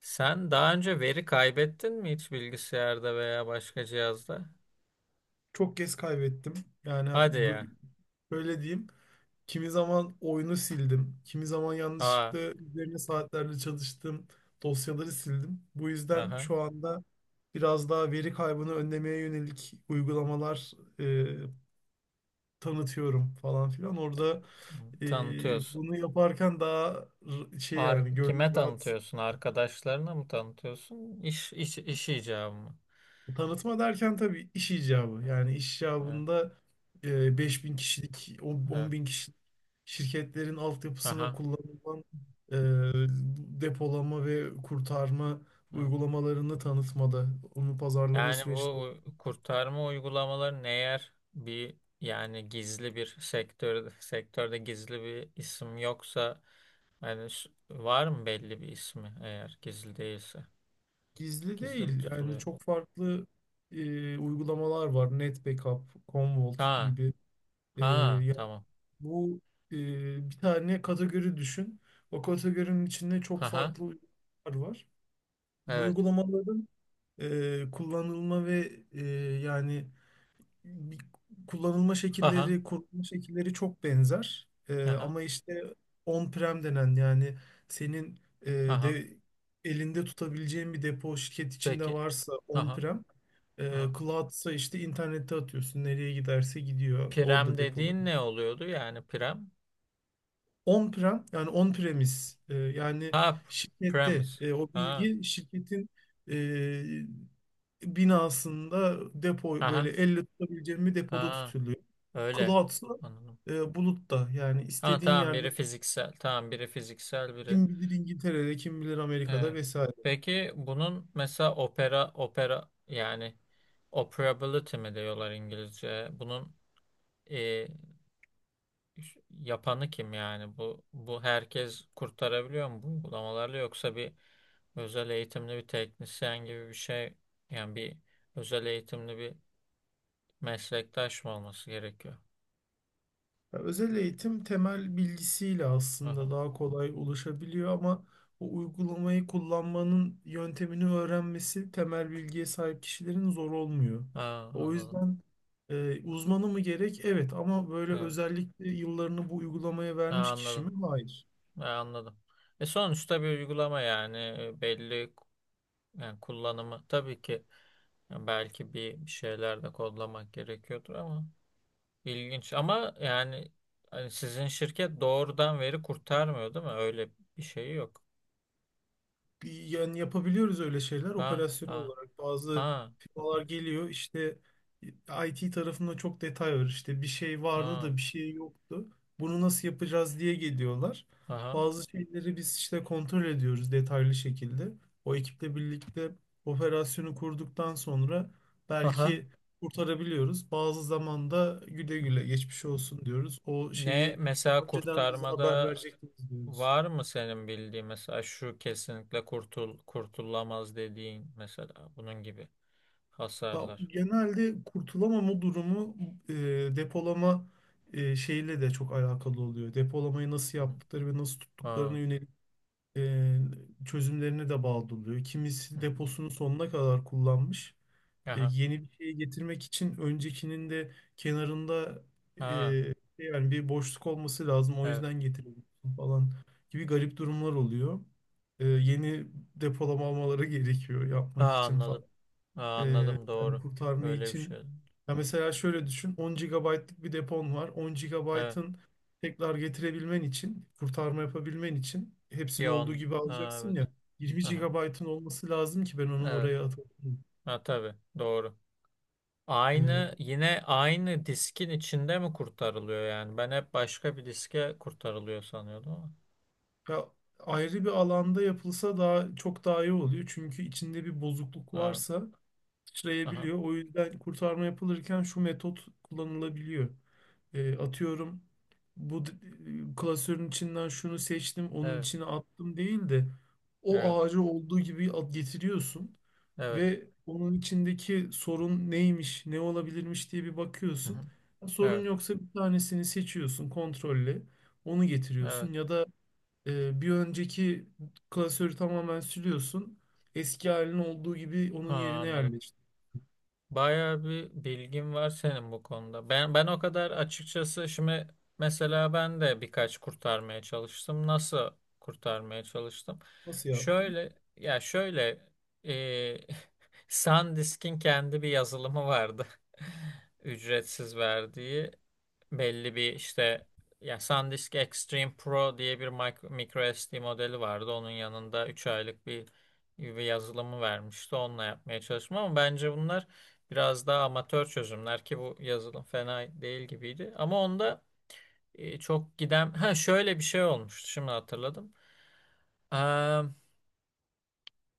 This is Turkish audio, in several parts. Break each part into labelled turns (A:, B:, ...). A: Sen daha önce veri kaybettin mi hiç bilgisayarda veya başka cihazda?
B: Çok kez kaybettim. Yani
A: Hadi ya.
B: bö- böyle diyeyim. Kimi zaman oyunu sildim. Kimi zaman
A: Aa,
B: yanlışlıkla üzerine saatlerle çalıştığım dosyaları sildim. Bu yüzden
A: aha.
B: şu anda biraz daha veri kaybını önlemeye yönelik uygulamalar e, tanıtıyorum falan filan. Orada
A: Tanıtıyorsun.
B: bunu yaparken daha şey
A: Ar
B: yani
A: kime
B: gönlüm rahat.
A: tanıtıyorsun? Arkadaşlarına mı tanıtıyorsun? İş icabı mı?
B: Tanıtma derken tabii iş icabı.
A: Evet,
B: Yani iş
A: evet,
B: icabında
A: evet,
B: 5.000 kişilik,
A: evet.
B: 10 bin kişilik şirketlerin altyapısına
A: Aha.
B: kullanılan e, depolama ve kurtarma
A: Evet.
B: uygulamalarını tanıtmada, onu pazarlama
A: Yani
B: süreçleri
A: bu kurtarma uygulamaları ne yer bir yani gizli bir sektörde gizli bir isim yoksa yani var mı belli bir ismi eğer gizli değilse?
B: gizli
A: Gizli mi
B: değil. Yani
A: tutuluyor?
B: çok farklı uygulamalar var. NetBackup, Commvault
A: Ha,
B: gibi. E,
A: ha,
B: ya
A: tamam.
B: bu e, bir tane kategori düşün. O kategorinin içinde çok
A: Haha,
B: farklı uygulamalar var. Bu
A: evet.
B: uygulamaların kullanılma ve yani bir- kullanılma
A: Haha,
B: şekilleri, kurulma şekilleri çok benzer. E,
A: haha,
B: ama işte on-prem denen yani senin
A: haha.
B: de elinde tutabileceğin bir depo şirket içinde
A: Peki.
B: varsa
A: Haha,
B: on-prem,
A: ha.
B: cloud'sa işte internette atıyorsun. Nereye giderse gidiyor.
A: Prem
B: Orada
A: dediğin
B: depolanıyor.
A: ne oluyordu yani prem?
B: On-prem yani on-premise, yani
A: Ha,
B: şirkette
A: premise.
B: o
A: Ha,
B: bilgi şirketin binasında depo böyle
A: aha,
B: elle tutabileceğim bir depoda
A: ha,
B: tutuluyor.
A: öyle.
B: Cloud'sa
A: Anladım.
B: bulutta yani
A: Ha,
B: istediğin
A: tamam
B: yerde
A: biri fiziksel, tamam biri fiziksel, biri.
B: kim bilir İngiltere'de kim bilir Amerika'da
A: Evet.
B: vesaire.
A: Peki bunun mesela opera, opera yani operability mi diyorlar İngilizce? Bunun e, yapanı kim yani? Bu herkes kurtarabiliyor mu bu uygulamalarla yoksa bir özel eğitimli bir teknisyen gibi bir şey yani bir özel eğitimli bir meslektaş mı olması gerekiyor?
B: Ya özel eğitim temel bilgisiyle aslında
A: Aha.
B: daha kolay ulaşabiliyor ama o uygulamayı kullanmanın yöntemini öğrenmesi temel bilgiye sahip kişilerin zor olmuyor.
A: Ha,
B: O
A: anladım.
B: yüzden uzmanı mı gerek? Evet ama böyle
A: Evet.
B: özellikle yıllarını bu uygulamaya
A: Ha,
B: vermiş kişi
A: anladım.
B: mi? Hayır.
A: Ha, anladım. E sonuçta bir uygulama yani belli yani kullanımı tabii ki yani belki bir şeyler de kodlamak gerekiyordur ama İlginç ama yani hani sizin şirket doğrudan veri kurtarmıyor değil mi? Öyle bir şey yok.
B: Yani yapabiliyoruz öyle şeyler
A: Ha
B: operasyonel
A: ha
B: olarak. Bazı
A: ha,
B: firmalar
A: aferin.
B: geliyor işte IT tarafında çok detay var. İşte bir şey vardı
A: Ha,
B: da bir şey yoktu. Bunu nasıl yapacağız diye geliyorlar.
A: aha,
B: Bazı şeyleri biz işte kontrol ediyoruz detaylı şekilde. O ekiple birlikte operasyonu kurduktan sonra
A: aha.
B: belki kurtarabiliyoruz. Bazı zamanda güle
A: Hı.
B: güle geçmiş olsun diyoruz. O
A: Ne
B: şeyi
A: mesela
B: önceden bize haber
A: kurtarmada
B: verecektiniz diyoruz.
A: var mı senin bildiğin mesela şu kesinlikle kurtulamaz dediğin mesela bunun gibi
B: Ya,
A: hasarlar.
B: genelde kurtulamama durumu e, depolama şeyle de çok alakalı oluyor. Depolamayı nasıl
A: Hı hı.
B: yaptıkları ve nasıl tuttuklarına
A: Ha.
B: yönelik e, çözümlerine de bağlı oluyor.
A: Hı
B: Kimisi
A: hı.
B: deposunu sonuna kadar kullanmış. E,
A: Aha.
B: yeni bir şey getirmek için öncekinin de kenarında e,
A: Ha.
B: yani bir boşluk olması lazım. O
A: Evet.
B: yüzden getiriyorsun falan gibi garip durumlar oluyor. Yeni depolama almaları gerekiyor
A: Ha,
B: yapmak için falan.
A: anladım. Ha,
B: Ee,
A: anladım,
B: yani
A: doğru.
B: kurtarmayı
A: Öyle bir
B: için.
A: şey.
B: Ya
A: Ha,
B: mesela şöyle düşün. 10 gigabaytlık bir depon var. on
A: evet.
B: gigabaytın tekrar getirebilmen için, kurtarma yapabilmen için
A: Bir
B: hepsini olduğu
A: on.
B: gibi
A: Ha,
B: alacaksın
A: evet.
B: ya. Yirmi
A: Aha,
B: gigabaytın olması lazım ki ben onu
A: evet.
B: oraya atayım.
A: Ha, tabii. Doğru.
B: Ee,
A: Aynı, yine aynı diskin içinde mi kurtarılıyor yani? Ben hep başka bir diske kurtarılıyor sanıyordum ama.
B: ya ayrı bir alanda yapılsa daha çok daha iyi oluyor. Çünkü içinde bir bozukluk
A: Ha,
B: varsa
A: aha.
B: sıçrayabiliyor. O yüzden kurtarma yapılırken şu metot kullanılabiliyor. Atıyorum bu d- klasörün içinden şunu seçtim, onun
A: Evet.
B: içine attım değil de
A: Evet.
B: o ağacı olduğu gibi at getiriyorsun
A: Evet.
B: ve onun içindeki sorun neymiş, ne olabilirmiş diye bir
A: Hı hı.
B: bakıyorsun.
A: Evet.
B: Sorun yoksa bir tanesini seçiyorsun kontrolle, onu
A: Evet.
B: getiriyorsun ya da bir önceki klasörü tamamen siliyorsun. Eski halinin olduğu gibi onun
A: Ha,
B: yerine
A: anladım.
B: yerleştir.
A: Bayağı bir bilgin var senin bu konuda. Ben o kadar açıkçası şimdi mesela ben de birkaç kurtarmaya çalıştım. Nasıl kurtarmaya çalıştım?
B: Nasıl yaptın?
A: Şöyle şöyle e, SanDisk'in kendi bir yazılımı vardı. Ücretsiz verdiği belli bir işte ya SanDisk Extreme Pro diye bir micro SD modeli vardı. Onun yanında 3 aylık bir yazılımı vermişti. Onunla yapmaya çalıştım ama bence bunlar biraz daha amatör çözümler ki bu yazılım fena değil gibiydi. Ama onda çok giden ha, şöyle bir şey olmuştu. Şimdi hatırladım.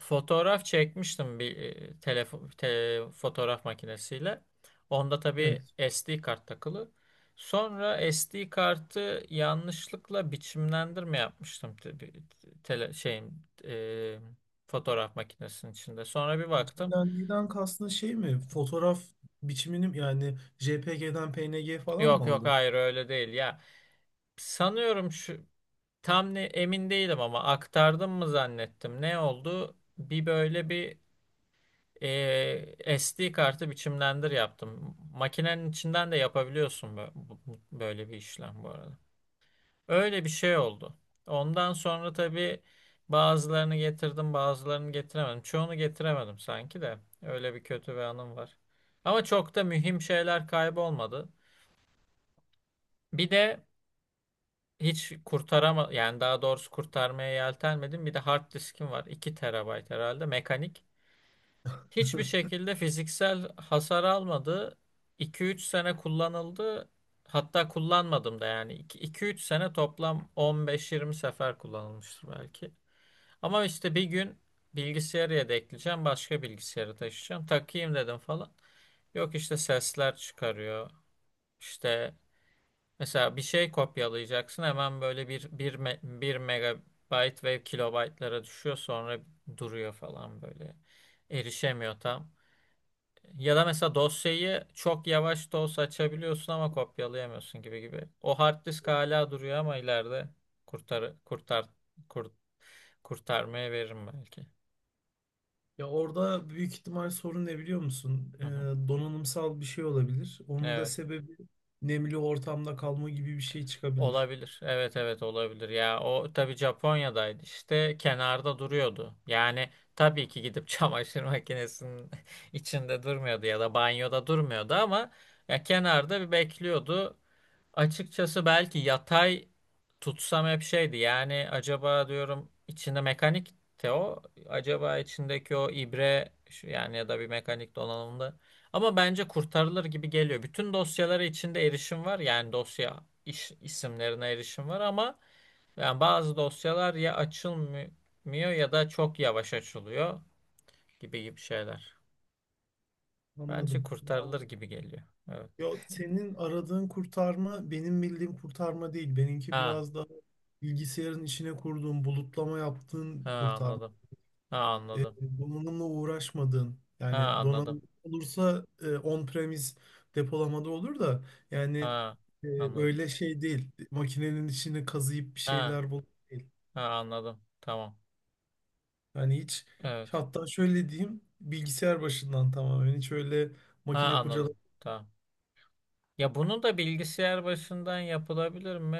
A: Fotoğraf çekmiştim bir fotoğraf makinesiyle. Onda tabii
B: Evet.
A: SD kart takılı. Sonra SD kartı yanlışlıkla biçimlendirme yapmıştım tele şeyin e, fotoğraf makinesinin içinde. Sonra bir baktım.
B: Biçimlendiğinden kastın şey mi? Fotoğraf biçimini yani JPG'den PNG falan mı
A: Yok yok,
B: aldın?
A: hayır öyle değil ya. Sanıyorum şu tam ne, emin değilim ama aktardım mı zannettim. Ne oldu? Bir böyle bir SD kartı biçimlendir yaptım. Makinenin içinden de yapabiliyorsun böyle bir işlem bu arada. Öyle bir şey oldu. Ondan sonra tabii bazılarını getirdim, bazılarını getiremedim. Çoğunu getiremedim sanki de. Öyle bir kötü bir anım var. Ama çok da mühim şeyler kaybolmadı. Bir de hiç yani daha doğrusu kurtarmaya yeltenmedim. Bir de hard diskim var. 2 terabayt herhalde mekanik. Hiçbir şekilde fiziksel hasar almadı. 2 üç sene kullanıldı. Hatta kullanmadım da yani. 2-3 sene toplam 15-20 sefer kullanılmıştır belki. Ama işte bir gün bilgisayarı yedekleyeceğim. Başka bilgisayarı taşıyacağım. Takayım dedim falan. Yok işte sesler çıkarıyor. İşte mesela bir şey kopyalayacaksın. Hemen böyle bir megabayt ve kilobaytlara düşüyor. Sonra duruyor falan böyle. Erişemiyor tam. Ya da mesela dosyayı çok yavaş da olsa açabiliyorsun ama kopyalayamıyorsun gibi gibi. O hard disk hala duruyor ama ileride kurtar kurtar kur- kurtarmaya veririm belki.
B: Ya orada büyük ihtimal sorun ne biliyor musun? Ee,
A: Hı hı.
B: donanımsal bir şey olabilir. Onun da
A: Evet.
B: sebebi nemli ortamda kalma gibi bir şey çıkabilir.
A: Olabilir. Evet evet olabilir. Ya o tabii Japonya'daydı işte kenarda duruyordu. Yani tabii ki gidip çamaşır makinesinin içinde durmuyordu ya da banyoda durmuyordu ama ya kenarda bir bekliyordu. Açıkçası belki yatay tutsam hep şeydi. Yani acaba diyorum içinde mekanik de o. Acaba içindeki o ibre yani ya da bir mekanik donanımda. Ama bence kurtarılır gibi geliyor. Bütün dosyalara içinde erişim var. Yani dosya isimlerine erişim var ama yani bazı dosyalar ya açılmıyor ya da çok yavaş açılıyor gibi gibi şeyler. Bence
B: Anladım. Ya,
A: kurtarılır gibi geliyor. Evet.
B: senin aradığın kurtarma benim bildiğim kurtarma değil. Benimki
A: Ha,
B: biraz daha bilgisayarın içine kurduğum bulutlama yaptığın
A: ha
B: kurtarma.
A: anladım. Ha
B: e,
A: anladım.
B: donanımla uğraşmadığın
A: Ha
B: yani
A: anladım.
B: donanım olursa on-premise depolamada olur da yani
A: Ha
B: e,
A: anladım.
B: öyle şey değil. Makinenin içini kazıyıp bir
A: Ha,
B: şeyler bul değil.
A: ha anladım. Tamam.
B: Yani hiç,
A: Evet.
B: hatta şöyle diyeyim, bilgisayar başından tamamen, hiç öyle
A: Ha
B: makine
A: anladım.
B: kurcalama.
A: Tamam. Ya bunu da bilgisayar başından yapılabilir mi?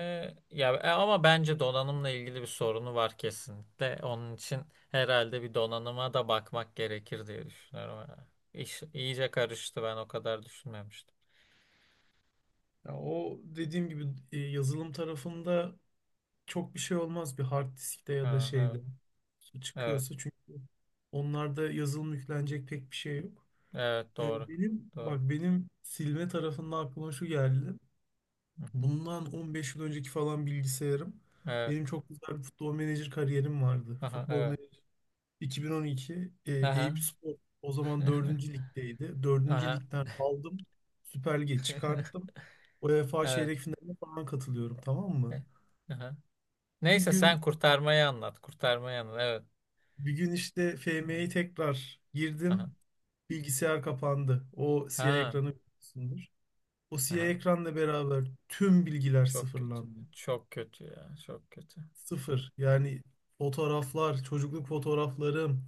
A: Ya ama bence donanımla ilgili bir sorunu var kesinlikle. Onun için herhalde bir donanıma da bakmak gerekir diye düşünüyorum. Ha. İş iyice karıştı. Ben o kadar düşünmemiştim.
B: Ya o dediğim gibi yazılım tarafında çok bir şey olmaz bir hard diskte ya da
A: Ha, evet.
B: şeyde
A: Evet.
B: çıkıyorsa çünkü onlarda yazılım yüklenecek pek bir şey yok.
A: Evet,
B: E,
A: doğru.
B: Benim
A: Doğru.
B: bak benim silme tarafında aklıma şu geldi.
A: Hı hı.
B: Bundan 15 yıl önceki falan bilgisayarım.
A: Evet.
B: Benim çok güzel bir futbol menajer kariyerim vardı.
A: Aha,
B: Futbol
A: evet.
B: menajer 2012, Eyüp
A: Aha.
B: Spor o zaman dördüncü ligdeydi. Dördüncü
A: Aha.
B: ligden aldım. Süper Lig'e çıkarttım. UEFA
A: Evet.
B: çeyrek finaline falan katılıyorum, tamam mı?
A: Aha.
B: Bir
A: Neyse
B: gün
A: sen kurtarmayı anlat. Kurtarmayı anlat. Evet.
B: işte
A: Evet.
B: FM'ye tekrar
A: Aha.
B: girdim. Bilgisayar kapandı. O siyah
A: Ha.
B: ekranı biliyorsundur. O siyah
A: Aha.
B: ekranla beraber tüm bilgiler
A: Çok kötü.
B: sıfırlandı.
A: Çok kötü ya. Çok kötü.
B: Sıfır. Yani fotoğraflar, çocukluk fotoğraflarım,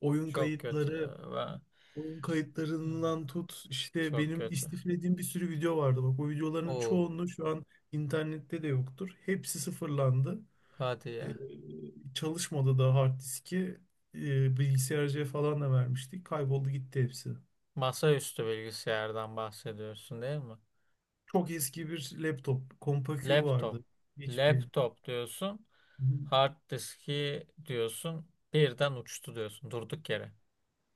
B: oyun
A: Çok kötü
B: kayıtları,
A: ya. Ben...
B: oyun
A: Evet,
B: kayıtlarından tut işte
A: çok
B: benim
A: kötü.
B: istiflediğim bir sürü video vardı. Bak o videoların
A: Oo.
B: çoğunluğu şu an internette de yoktur. Hepsi sıfırlandı.
A: Hadi
B: Ee,
A: ya.
B: çalışmadı da hard diski. Bilgisayarcıya falan da vermiştik. Kayboldu gitti hepsi.
A: Masaüstü bilgisayardan bahsediyorsun değil mi?
B: Çok eski bir laptop. Compaq
A: Laptop.
B: vardı. HP.
A: Laptop diyorsun. Hard diski diyorsun. Birden uçtu diyorsun. Durduk yere.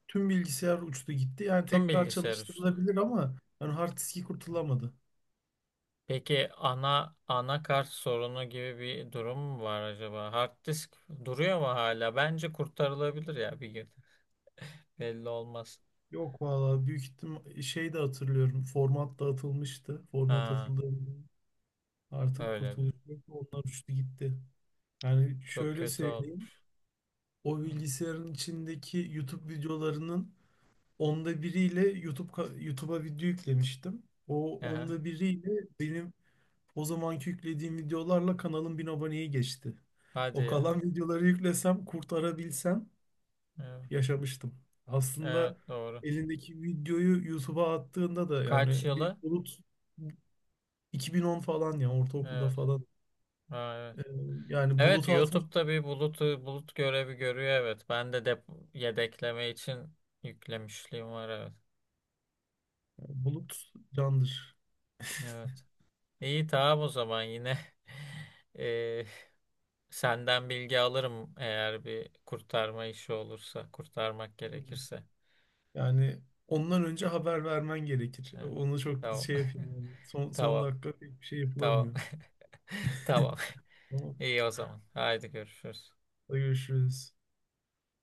B: Tüm bilgisayar uçtu gitti. Yani
A: Tüm
B: tekrar
A: bilgisayar uçtu.
B: çalıştırılabilir ama yani hard diski kurtulamadı.
A: Peki anakart sorunu gibi bir durum mu var acaba? Hard disk duruyor mu hala? Bence kurtarılabilir ya bir gün. Belli olmaz.
B: Yok valla büyük ihtim şey de hatırlıyorum. Format da atılmıştı. Format
A: Ha,
B: atıldı. Artık
A: öyle bir.
B: kurtuluş yok. Onlar uçtu gitti. Yani
A: Çok
B: şöyle
A: kötü
B: söyleyeyim.
A: olmuş.
B: O
A: Hı.
B: bilgisayarın içindeki YouTube videolarının onda biriyle YouTube'a video yüklemiştim. O
A: Aha,
B: onda biriyle benim o zamanki yüklediğim videolarla kanalın 1.000 aboneye geçti.
A: hadi
B: O
A: ya.
B: kalan videoları yüklesem, kurtarabilsem
A: Evet,
B: yaşamıştım.
A: evet,
B: Aslında
A: doğru.
B: elindeki videoyu YouTube'a attığında da
A: Kaç
B: yani bir
A: yılı?
B: bulut 2010 falan, ya ortaokulda
A: Evet.
B: falan.
A: Ha, evet.
B: Ee, yani
A: Evet,
B: buluta atmış,
A: YouTube'da bir bulut görevi görüyor, evet. Ben de yedekleme için yüklemişliğim var, evet.
B: bulut candır.
A: Evet. İyi, tamam o zaman yine. Eee Senden bilgi alırım eğer bir kurtarma işi olursa, kurtarmak gerekirse.
B: Yani ondan önce haber vermen gerekir.
A: Evet.
B: Onu çok
A: Tamam.
B: şey yapayım yani. Son
A: Tamam.
B: dakika pek bir şey
A: Tamam.
B: yapılamıyor.
A: Tamam.
B: Tamam.
A: İyi o zaman. Haydi görüşürüz.
B: Hadi görüşürüz.